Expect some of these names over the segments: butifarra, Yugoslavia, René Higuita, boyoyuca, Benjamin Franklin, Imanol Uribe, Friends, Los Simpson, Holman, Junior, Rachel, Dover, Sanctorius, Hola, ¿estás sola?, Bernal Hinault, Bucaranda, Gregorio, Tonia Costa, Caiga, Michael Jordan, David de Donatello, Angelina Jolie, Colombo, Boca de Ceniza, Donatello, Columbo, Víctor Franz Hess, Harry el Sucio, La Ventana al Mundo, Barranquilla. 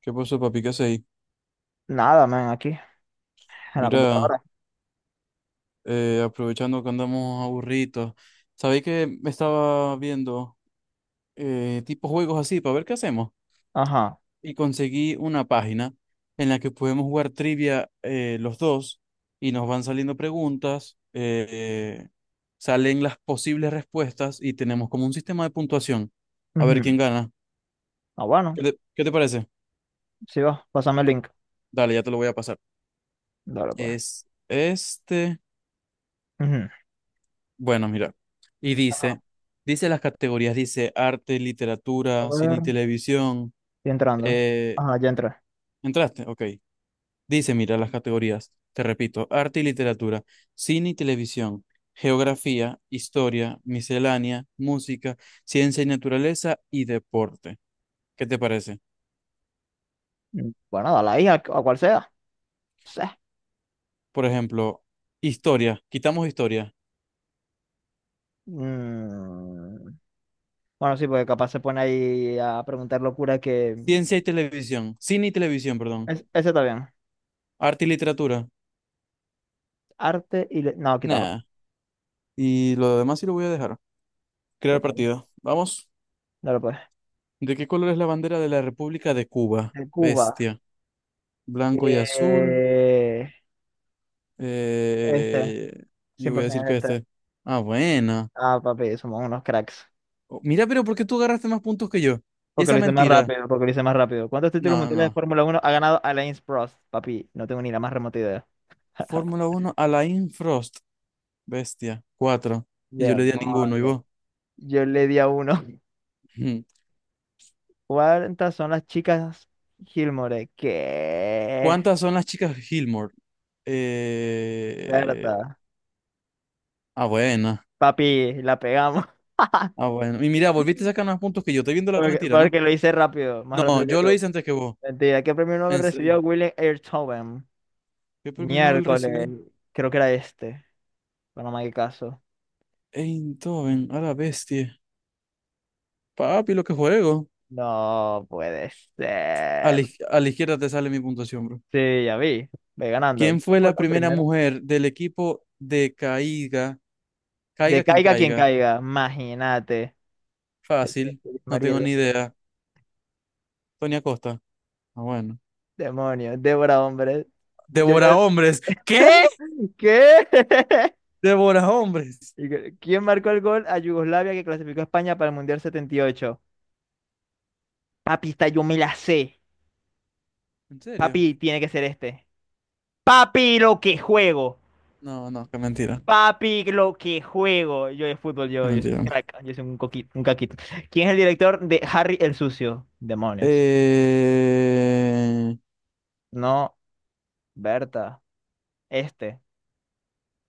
¿Qué pasó, papi? ¿Qué hacéis? Nada, man, aquí, en la Mira, computadora. Aprovechando que andamos aburridos, ¿sabéis que me estaba viendo tipo juegos así para ver qué hacemos? Ajá. Y conseguí una página en la que podemos jugar trivia los dos y nos van saliendo preguntas, salen las posibles respuestas y tenemos como un sistema de puntuación. A ver Ujú. quién gana. Ah, bueno, ¿Qué te parece? sí va, pásame el link. Dale, ya te lo voy a pasar. Dale, pues. Es este. Ujú. Bueno, mira. Y Ajá. dice, dice las categorías, dice arte, A literatura, cine ver. y televisión. Estoy entrando. Eh, Ajá, ya entré. ¿Entraste? Ok. Dice, mira, las categorías. Te repito, arte y literatura, cine y televisión, geografía, historia, miscelánea, música, ciencia y naturaleza y deporte. ¿Qué te parece? Bueno, dale ahí a, cual sea. Sí. Por ejemplo, historia, quitamos historia, Mm, Bueno, sí, porque capaz se pone ahí a preguntar locura que... ciencia y televisión, cine y televisión, perdón, Es- ese está bien. arte y literatura. Arte y... le- No, quítalo. Nada. Y lo demás sí lo voy a dejar. Crear Ok, partido. Vamos. dale pues. ¿De qué color es la bandera de la República de Cuba? De Cuba. Bestia. Blanco y azul. Eh, Este. Eh, yo voy a 100% decir es que este. este. Ah, buena. Ah, papi, somos unos cracks. Oh, mira, pero ¿por qué tú agarraste más puntos que yo? Y Porque esa lo hice más mentira. rápido, porque lo hice más rápido. ¿Cuántos títulos No, mundiales de no. Fórmula Uno ha ganado Alain Prost? Papi, no tengo ni la más remota idea. Fórmula uno, Alain Frost. Bestia. Cuatro. Y yo le di a ninguno, ¿y Demonios. vos? Yo le di a uno. Ujú. ¿Cuántas son las chicas Gilmore? ¿Qué? ¿Cuántas son las chicas Gilmore? Eh... Berta. Ah, buena. Papi, la pegamos. Ah, bueno. Y mira, volviste a sacar más puntos que yo. Estoy viendo la Porque, mentira, ¿no? porque lo hice rápido, más No, rápido que yo lo tú. hice antes que vos. Mentira, ¿qué premio Nobel En serio. recibió Willem Einthoven? ¿Qué premio Nobel Miércoles. recibió Creo que era este. Bueno, no me hagas caso. Eindhoven? A la bestia. Papi, lo que juego. No puede A la, ser. iz- a la izquierda te sale mi puntuación, bro. Sí, ya vi, ve ganando. ¿Quién fue Fue la la primera primera. mujer del equipo de Caiga? De Caiga quien caiga quien caiga. caiga, imagínate. De que- Fácil. de No María, tengo ni de- idea. Tonia Costa. Ah, bueno. demonio, Débora, hombre. Yo Devora ya- hombres. ¿Qué? ¿Qué? Devora hombres. Y que- ¿Quién marcó el gol a Yugoslavia que clasificó a España para el Mundial 78? Papi, esta yo me la sé. ¿En serio? Papi, tiene que ser este. Papi, lo que juego. No, no, qué mentira. Papi, lo que juego. Yo de fútbol, Qué yo soy un mentira. crack, yo soy un coquito, un caquito. ¿Quién es el director de Harry el Sucio? Demonios. Eh... No. Berta, este,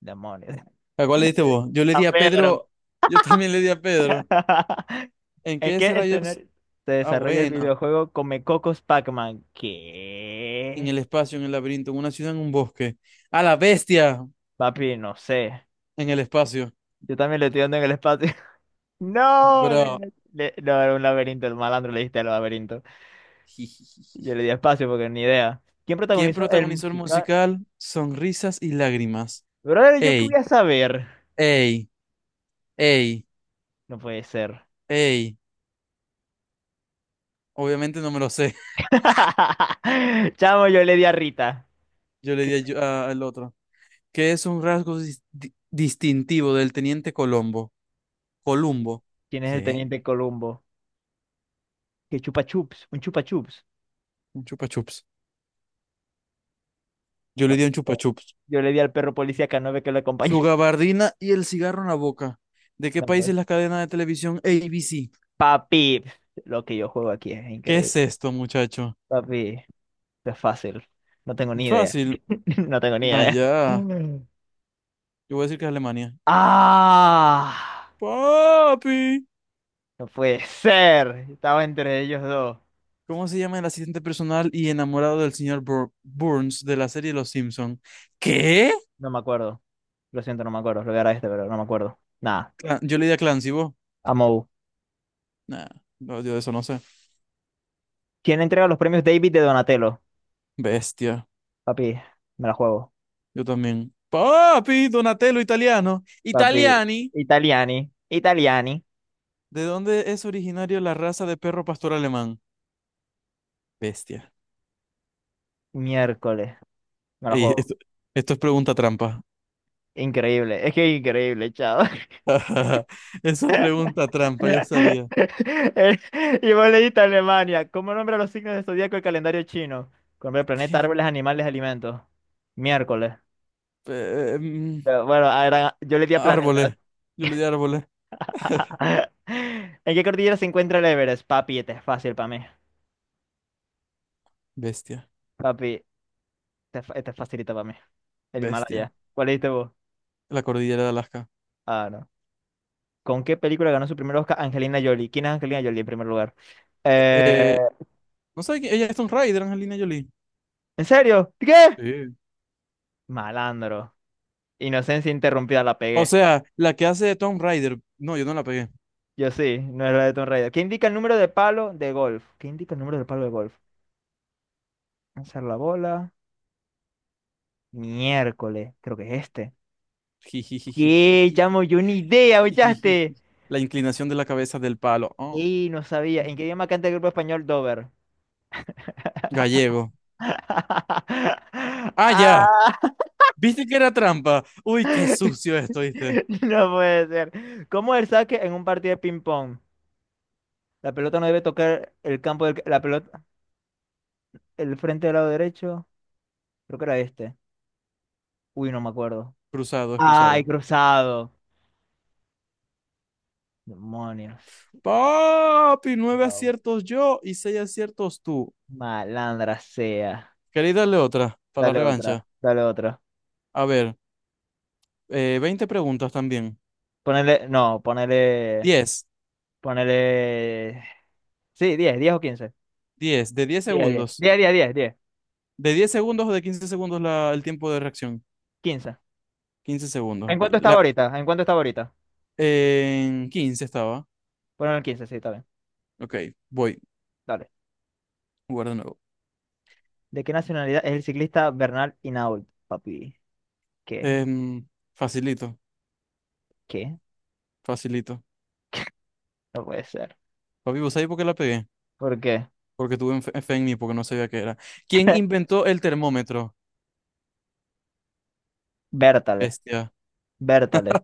demonios. ¿A cuál le diste vos? Yo le di a Pedro. Pedro. Yo también le di a Pedro. ¿En ¿En qué qué ese rayos? escenario se Ah, desarrolla el bueno. videojuego Come Cocos Pac-Man? En ¿Qué? el espacio, en el laberinto, en una ciudad, en un bosque. A la bestia Papi, no sé. en el espacio. Yo también le estoy dando en el espacio. No, Bro. le- le- no, era un laberinto, el malandro le diste al laberinto. Yo le di espacio porque ni idea. ¿Quién ¿Quién protagonizó el protagonizó el musical? musical Sonrisas y Lágrimas? Brother, ¿yo qué voy Ey, a saber? ey, ey, No puede ser. ey. Obviamente no me lo sé. Chamo, yo le di a Rita. Yo le ¿Qué- di al otro. ¿Qué es un rasgo distintivo del teniente Colombo? Columbo. ¿Quién es el ¿Qué? teniente Columbo? ¿Qué chupa chups? ¿Un chupa chups? Un chupa chups. Yo No. le di un chupa chups. Yo le di al perro policía Canove que lo acompañó. Su gabardina y el cigarro en la boca. ¿De qué No, país pues. es la cadena de televisión ABC? Papi, lo que yo juego aquí es ¿Qué es increíble. esto, muchacho? Papi, esto es fácil. No tengo ni idea. Fácil. No tengo ni idea. Allá. Yo voy a decir que es Alemania. ¡Ah! Papi. No puede ser. Estaba entre ellos dos. ¿Cómo se llama el asistente personal y enamorado del señor Burns de la serie Los Simpson? ¿Qué? No me acuerdo. Lo siento, no me acuerdo. Lo voy a dar a este, pero no me acuerdo. Nada. Yo le di a Clancy, ¿vos? Amou. Nah, no, yo de eso no sé. ¿Quién entrega los premios David de Donatello? Bestia. Papi, me la juego. Yo también. Papi, Donatello italiano. Papi, Italiani. Italiani. Italiani. ¿De dónde es originario la raza de perro pastor alemán? Bestia. Miércoles. Me la Ey, juego. esto es pregunta trampa. Increíble, es que increíble, chao. Esa es pregunta trampa, yo sabía. Y vos leíste Alemania. ¿Cómo nombra los signos del zodiaco el calendario chino? Con el planeta, ¿Qué? árboles, animales, alimentos. Miércoles. Em, Pero bueno, ah, era- yo le di a planetas. árboles. Yo le di árboles. ¿En qué cordillera se encuentra el Everest? Papi, este es fácil para mí. Bestia. Papi, este, es fa- este es facilita para mí. El Bestia. Himalaya. ¿Cuál leíste vos? La cordillera de Alaska. Ah, no. ¿Con qué película ganó su primer Oscar Angelina Jolie? ¿Quién es Angelina Jolie en primer lugar? Eh, Eh, eh, no sé, ella es Tomb Raider, Angelina Jolie. ¿En serio? ¿Qué? Sí. Malandro. Inocencia interrumpida, la O pegué. sea, la que hace de Tomb Raider. No, yo no la pegué. Yo sí, no era de Tomb Raider. ¿Qué indica el número de palo de golf? ¿Qué indica el número de palo de golf? Lanzar la bola. Miércoles, creo que es este. ¿Qué, chamo? Yo ni idea, Jijijijijiji. ¿ochaste? La inclinación de la cabeza del palo. Oh. Y no sabía. ¿En qué idioma canta el grupo español Dover? Gallego. ¡Ah, ya! Ah, ¿Viste que era trampa? Uy, qué sucio esto, ¿viste? no puede ser. ¿Cómo es el saque en un partido de ping-pong? La pelota no debe tocar el campo del... La pelota... El frente del lado derecho. Creo que era este. Uy, no me acuerdo. Cruzado, es Ay, cruzado. cruzado. Demonios. Papi, nueve No, aciertos yo y seis aciertos tú. malandra sea. ¿Queréis darle otra para la Dale otra, revancha? dale otra. A ver. 20 preguntas también. Ponele, no, ponele, 10 ponele. Sí, 10, 10 o quince. 10 de 10 Diez, segundos. diez, diez, diez, diez, 10, ¿De diez segundos o de 15 segundos el tiempo de reacción? 15. 15 segundos, ¿En ok. cuánto estaba ahorita? ¿En cuánto estaba ahorita? En 15 estaba. Ponele el 15, sí, está bien. Ok, voy. Dale. Jugar de nuevo. ¿De qué nacionalidad es el ciclista Bernal Hinault, papi? ¿Qué? Em, facilito, ¿Qué? facilito. No puede ser. Papi, ¿vos sabés por qué la pegué? ¿Por qué? Porque tuve fe en mí, porque no sabía qué era. ¿Quién inventó el termómetro? Bértale, Bestia. Bértale.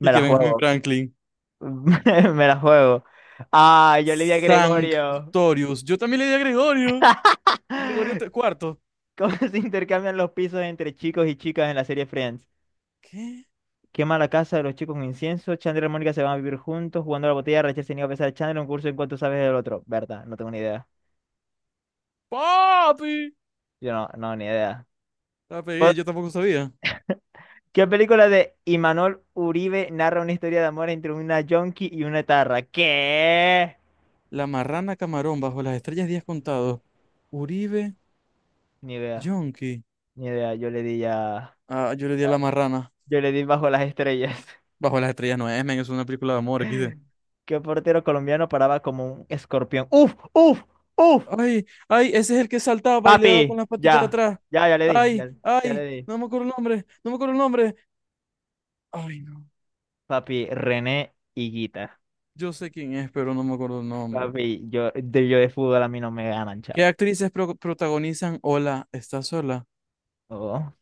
Y la que Benjamin juego. Franklin. Me la juego. Ah, yo le di a Gregorio. Sanctorius. Yo también le di a Gregorio. Gregorio cuarto. ¿Cómo se intercambian los pisos entre chicos y chicas en la serie Friends? ¿Qué? Quema la casa de los chicos con incienso. Chandler y Mónica se van a vivir juntos jugando a la botella. Rachel se niega a besar a Chandler un curso en cuanto sabes del otro. Berta, no tengo ni idea. Papi. Yo no, no, ni idea. La O- pegué, yo tampoco sabía. ¿Qué película de Imanol Uribe narra una historia de amor entre una yonki y una tarra? ¿Qué? La marrana camarón bajo las estrellas días contados. Uribe Ni idea, Yonki. ni idea. Yo le di ya. Ah, yo le di a la marrana. Yo le di bajo las estrellas. Bajo las estrellas no es, men, es una película de amor, aquí. ¿Qué portero colombiano paraba como un escorpión? ¡Uf! ¡Uf! ¡Uf! Ay, ay, ese es el que saltaba y le daba Papi, con las paticas de ya, atrás. ya, ya le dije, Ay, ya, ya le ay, dije. no me acuerdo el nombre, no me acuerdo el nombre. Ay, no. Papi, René Higuita. Yo sé quién es, pero no me acuerdo el nombre. Papi, yo de fútbol a mí no me ganan, ¿Qué chao. actrices protagonizan Hola, ¿estás sola? Oh,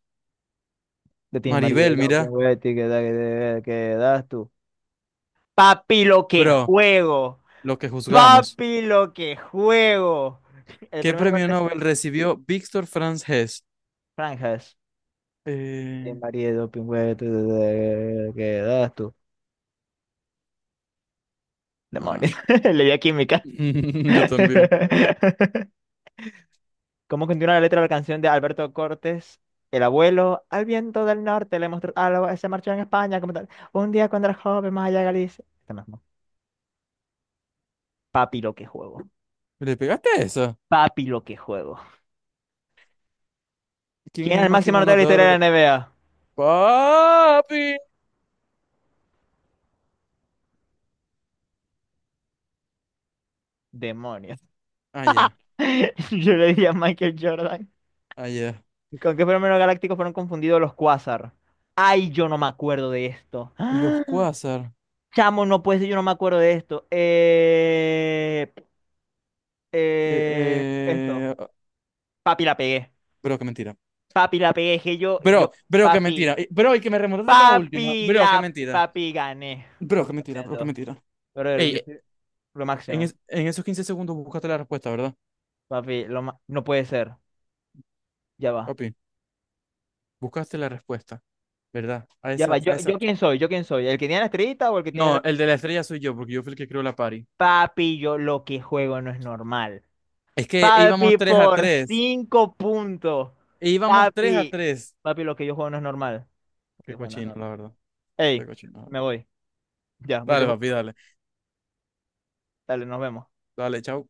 de Team María, Maribel, mira. ¿qué da- qué das tú? Papi, lo que Bro, juego. lo que juzgamos. Papi, lo que juego. El ¿Qué primer lugar premio de este Nobel recibió Víctor Franz Hess? franjas. De Eh, María, doping, güey, tú, ¿qué das tú? Demonios. Ah. Le di a química. Yo también. ¿Cómo continúa la letra de la canción de Alberto Cortés? El abuelo, al viento del norte le mostró algo, se marchó en España como tal. Un día cuando era joven, más allá de Galicia. Este mismo. Papi, lo que juego. ¿Le pegaste a esa? Papi, lo que juego. ¿Quién es ¿Quién es el el máximo máximo anotador de la historia de anotador? La NBA? ¡Papi! Demonios. Ah, ya. Yo le diría a Michael Jordan. Ah, ya. ¿Con qué fenómeno galáctico fueron confundidos los cuásar? Ay, yo no me acuerdo de esto. Los ¡Ah! Quasar. Chamo, no puede ser, yo no me acuerdo de esto. Eh, Esto. eh... ah, Papi, la pegué. Bro, qué mentira. Papi, la pegué, dije Bro, bro, qué papi, mentira. Bro, y que me remontaste con la última. Bro, qué la, mentira. papi, gané. Bro, Papi, qué mentira, bro, qué contento. mentira. Pero Ey, yo eh, soy lo en, máximo. es- en esos 15 segundos buscaste la respuesta, ¿verdad? Papi, lo ma- no puede ser. Ya va. Papi, buscaste la respuesta, ¿verdad? A Ya va. esa, a Yo, esa. yo quién soy, yo quién soy. ¿El que tiene la estrellita o el que tiene No, la... el de la estrella soy yo, porque yo fui el que creó la party. Papi, yo lo que juego no es normal. Es que íbamos Papi, tres a por 3. 5 puntos. Íbamos 3 a Papi. 3. Papi, lo que yo juego no es normal. Lo que yo Qué juego no es cochino, normal. la verdad. Qué Ey, me cochino. voy. Ya, Dale, mucho papi, gusto. dale. Dale, nos vemos. Dale, chao.